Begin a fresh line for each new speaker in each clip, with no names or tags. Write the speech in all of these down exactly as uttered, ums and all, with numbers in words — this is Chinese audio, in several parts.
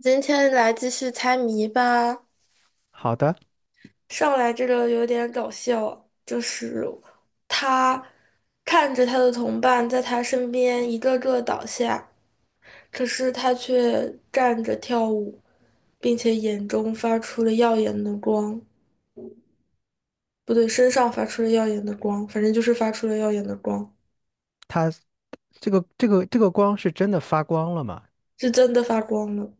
今天来继续猜谜吧。
好的，
上来这个有点搞笑，就是他看着他的同伴在他身边一个个倒下，可是他却站着跳舞，并且眼中发出了耀眼的光。不对，身上发出了耀眼的光，反正就是发出了耀眼的光，
它这个这个这个光是真的发光了吗？
是真的发光了。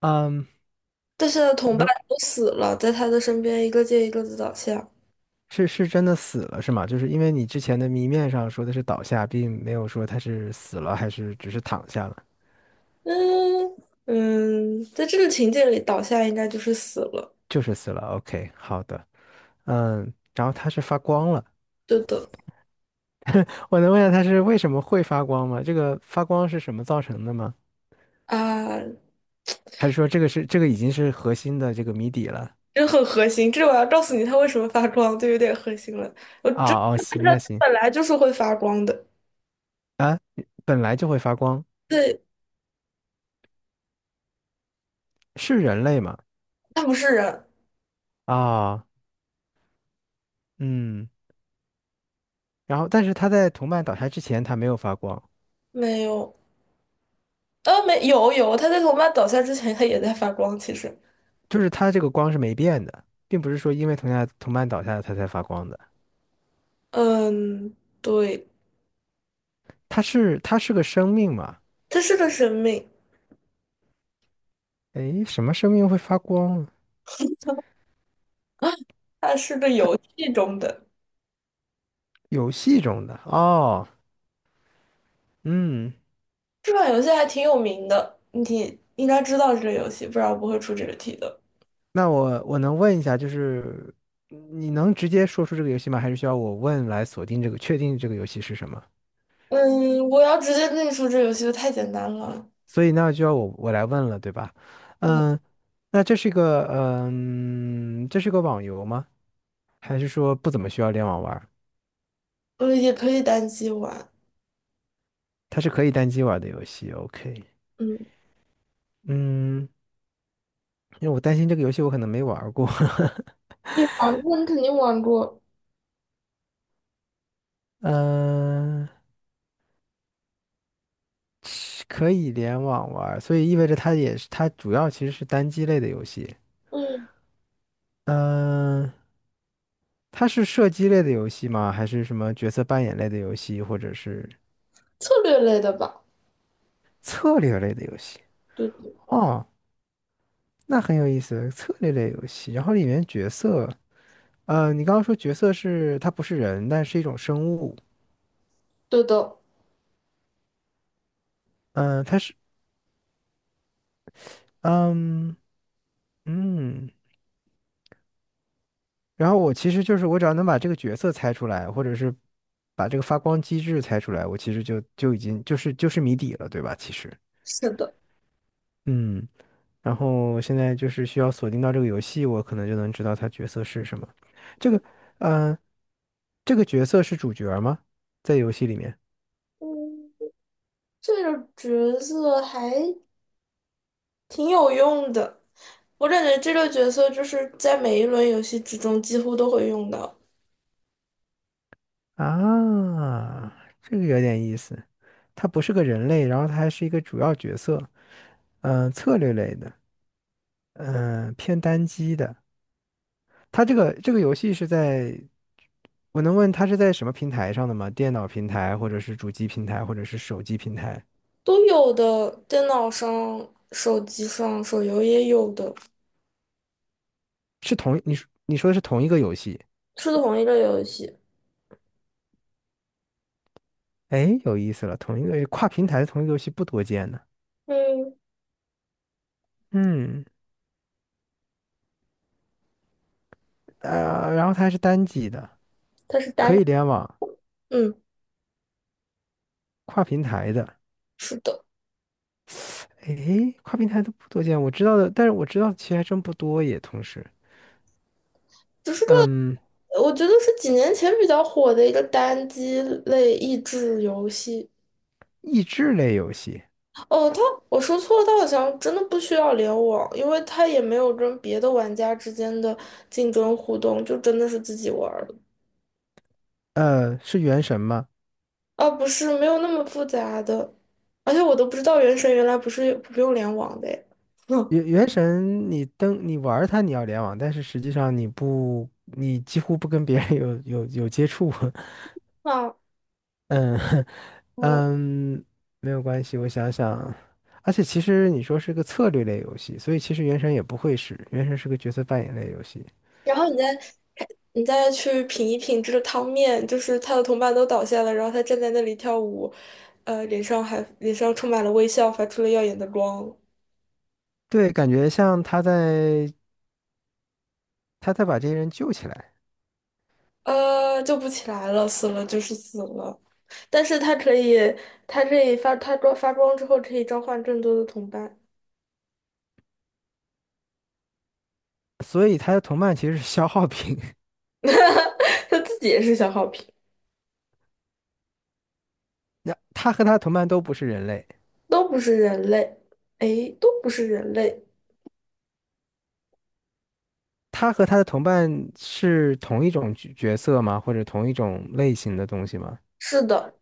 嗯，
但是他的
我
同伴
能
都死了，在他的身边一个接一个的倒下。
是是真的死了是吗？就是因为你之前的谜面上说的是倒下，并没有说他是死了还是只是躺下了，
嗯嗯，在这个情节里，倒下应该就是死了。
就是死了。OK，好的，嗯，然后它是发光了，
对的
我能问一下它是为什么会发光吗？这个发光是什么造成的吗？
啊，
还是说这个是这个已经是核心的这个谜底了？
真很核心。这我要告诉你它为什么发光，就有点核心了。我真
啊哦，
按
行
照
那行
本来就是会发光的。
啊，本来就会发光，
对，
是人类吗？
它不是人，
啊，嗯。然后，但是它在同伴倒下之前，它没有发光，
没有，呃，没有有，它在我妈倒下之前，它也在发光。其实，
就是它这个光是没变的，并不是说因为同下同伴倒下了它才发光的。
嗯，对，
它是它是个生命嘛？
它是个生命，
诶，什么生命会发光？
啊它是个游戏中的。
游戏中的哦，嗯，
这款游戏还挺有名的，你应该知道这个游戏，不然我不会出这个题的。
那我我能问一下，就是你能直接说出这个游戏吗？还是需要我问来锁定这个，确定这个游戏是什么？
嗯，我要直接跟你说，这游戏就太简单了。
所以那就要我我来问了，对吧？嗯，
我
那这是一个嗯，这是个网游吗？还是说不怎么需要联网玩？
呃也可以单机玩，
它是可以单机玩的游戏，OK。
嗯，
嗯，因为我担心这个游戏我可能没玩儿过。
你玩过，你肯定玩过，
嗯、是可以联网玩儿所以意味着它也是它主要其实是单机类的游戏。
嗯，
嗯、它是射击类的游戏吗？还是什么角色扮演类的游戏，或者是
策略类的吧？
策略类的游戏？
对对
哦，那很有意思，策略类游戏。然后里面角色，呃，你刚刚说角色是它不是人，但是一种生物。
对的，
嗯、它是，嗯嗯。然后我其实就是我只要能把这个角色猜出来，或者是把这个发光机制猜出来，我其实就就已经就是就是谜底了，对吧？其实，
是的，
嗯，然后现在就是需要锁定到这个游戏，我可能就能知道它角色是什么。这个，嗯、这个角色是主角吗？在游戏里面
嗯，这个角色还挺有用的，我感觉这个角色就是在每一轮游戏之中几乎都会用到，
啊，这个有点意思。他不是个人类，然后他还是一个主要角色，嗯、策略类的，嗯、偏单机的。它这个这个游戏是在，我能问它是在什么平台上的吗？电脑平台，或者是主机平台，或者是手机平台？
都有的，电脑上、手机上、手游也有的，
是同你说你说的是同一个游戏？
是同一个游戏，
哎，有意思了，同一个跨平台的同一个游戏不多见呢。
嗯，
嗯，呃，然后它还是单机的，
它是
可
单，
以联网，
嗯，
跨平台的。
是的。
哎，跨平台的不多见，我知道的，但是我知道的其实还真不多耶。同时，
只是个，
嗯，
我觉得是几年前比较火的一个单机类益智游戏。
益智类游戏，
哦，它我说错了，它好像真的不需要联网，因为它也没有跟别的玩家之间的竞争互动，就真的是自己玩儿的。
呃，是原神吗？
啊，不是，没有那么复杂的，而且我都不知道原神原来不是不用联网的诶。嗯，
原原神你登你玩儿它你要联网，但是实际上你不你几乎不跟别人 有有有接触，
啊，
嗯
哦，
嗯，没有关系，我想想，而且其实你说是个策略类游戏，所以其实原神也不会是，原神是个角色扮演类游戏，
然后你再你再去品一品这个汤面，就是他的同伴都倒下了，然后他站在那里跳舞，呃，脸上还脸上充满了微笑，发出了耀眼的光，
对，感觉像他在他在把这些人救起来，
呃，救不起来了，死了就是死了。但是他可以，他可以发他光发光之后可以召唤更多的同伴，
所以他的同伴其实是消耗品，
他自己也是小好评，
那他和他同伴都不是人类。
都不是人类，诶，都不是人类，
他和他的同伴是同一种角角色吗？或者同一种类型的东西吗？
是的，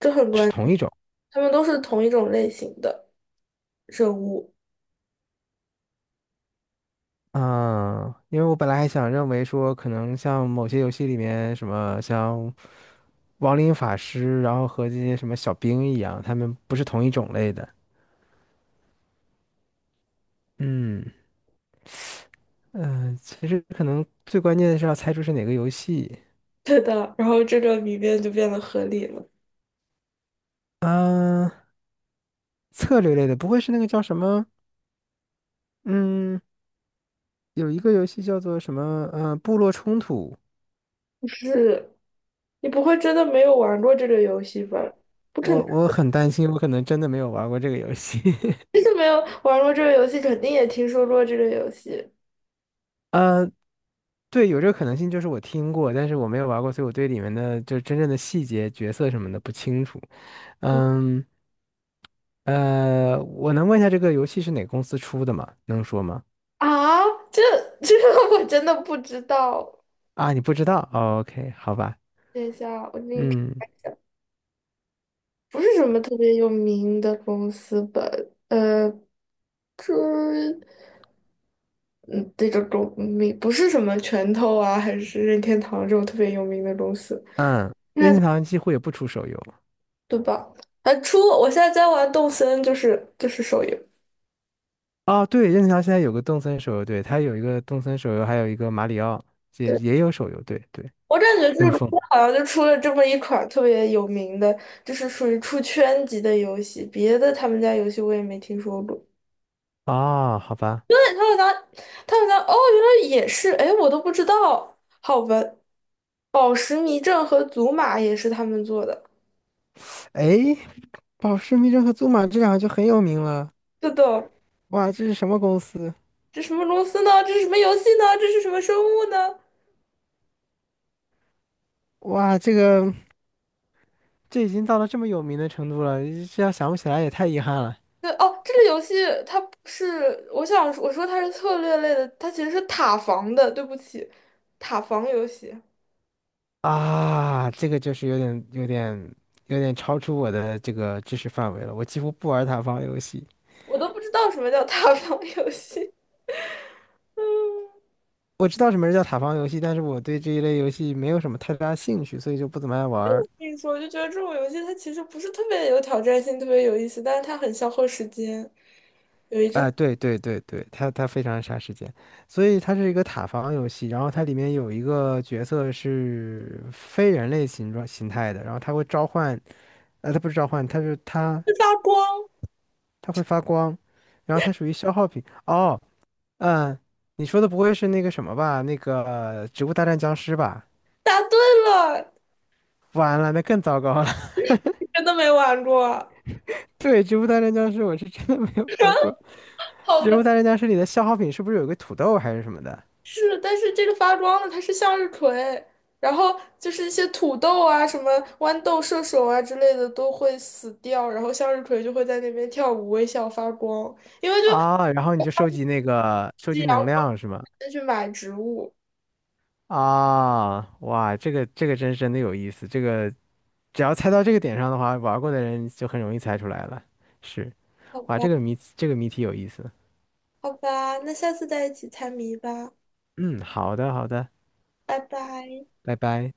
这很
是
关，
同一种
他们都是同一种类型的生物，
啊，因为我本来还想认为说，可能像某些游戏里面什么像亡灵法师，然后和这些什么小兵一样，他们不是同一种类的。嗯嗯，呃其实可能最关键的是要猜出是哪个游戏
对的，然后这个谜面就变得合理了。
嗯，策略类的，不会是那个叫什么？嗯，有一个游戏叫做什么？呃，部落冲突。
是，你不会真的没有玩过这个游戏吧？不可能，
我我很担心，我可能真的没有玩过这个游戏。
真 的没有玩过这个游戏，肯定也听说过这个游戏
呃，对，有这个可能性，就是我听过，但是我没有玩过，所以我对里面的就真正的细节、角色什么的不清楚。嗯，呃，我能问一下这个游戏是哪个公司出的吗？能说吗？
啊。这这个 我真的不知道。
啊，你不知道哦？OK，好吧。
等一下，我给你看
嗯
一下，不是什么特别有名的公司吧？呃，这嗯，这个公名不是什么拳头啊，还是任天堂这种特别有名的公司，
嗯，
应
任
该
天堂几乎也不出手游。
对吧？啊，出！我现在在玩动森，就是就是手游。
哦，对，任天堂现在有个动森手游，对，它有一个动森手游，还有一个马里奥，也
对。
也有手游，对对，
我感觉这
跟
个
风。
公司好像就出了这么一款特别有名的，就是属于出圈级的游戏，别的他们家游戏我也没听说过。
哦，好吧。
对，他们家，他们家哦，原来也是，哎，我都不知道。好吧，宝石迷阵和祖玛也是他们做的。
哎，宝石密侦和祖玛这两个就很有名了。
是的，
哇，这是什么公司？
这什么公司呢？这是什么游戏呢？这是什么生物呢？
哇，这个这已经到了这么有名的程度了，这要想不起来也太遗憾了
对，哦，这个游戏它不是，我想我说它是策略类的，它其实是塔防的。对不起，塔防游戏。
啊！这个就是有点、有点、有点超出我的这个知识范围了。我几乎不玩塔防游戏，
我都不知道什么叫塌房游戏。
我知道什么是叫塔防游戏，但是我对这一类游戏没有什么太大兴趣，所以就不怎么爱玩
我
儿
跟你说，我就觉得这种游戏它其实不是特别有挑战性，特别有意思，但是它很消耗时间。
啊，对对对对，它它非常杀时间，所以它是一个塔防游戏，然后它里面有一个角色是非人类形状形态的，然后它会召唤，呃，它不是召唤，它是它
它发光，
它会发光，然后它属于消耗品。哦，嗯，你说的不会是那个什么吧？那个呃《植物大战僵尸》吧？
答对了，
完了，那更糟糕了。
真的没玩过？
对，《植物大战僵尸》我是真的没有玩过，
好
《植
吧，
物大战僵尸》里的消耗品是不是有个土豆还是什么的？
是，但是这个发光的它是向日葵，然后就是一些土豆啊、什么豌豆射手啊之类的都会死掉，然后向日葵就会在那边跳舞、微笑、发光。估
啊，然后你就收集那个收
计
集
阳
能
光
量是吗？
再去买植物。
啊，哇，这个这个真是真的有意思，这个只要猜到这个点上的话，玩过的人就很容易猜出来了。是，
好
哇，
吧，
这个谜这个谜题有意思。
好吧，那下次再一起猜谜吧，
嗯，好的好的，
拜拜。
拜拜。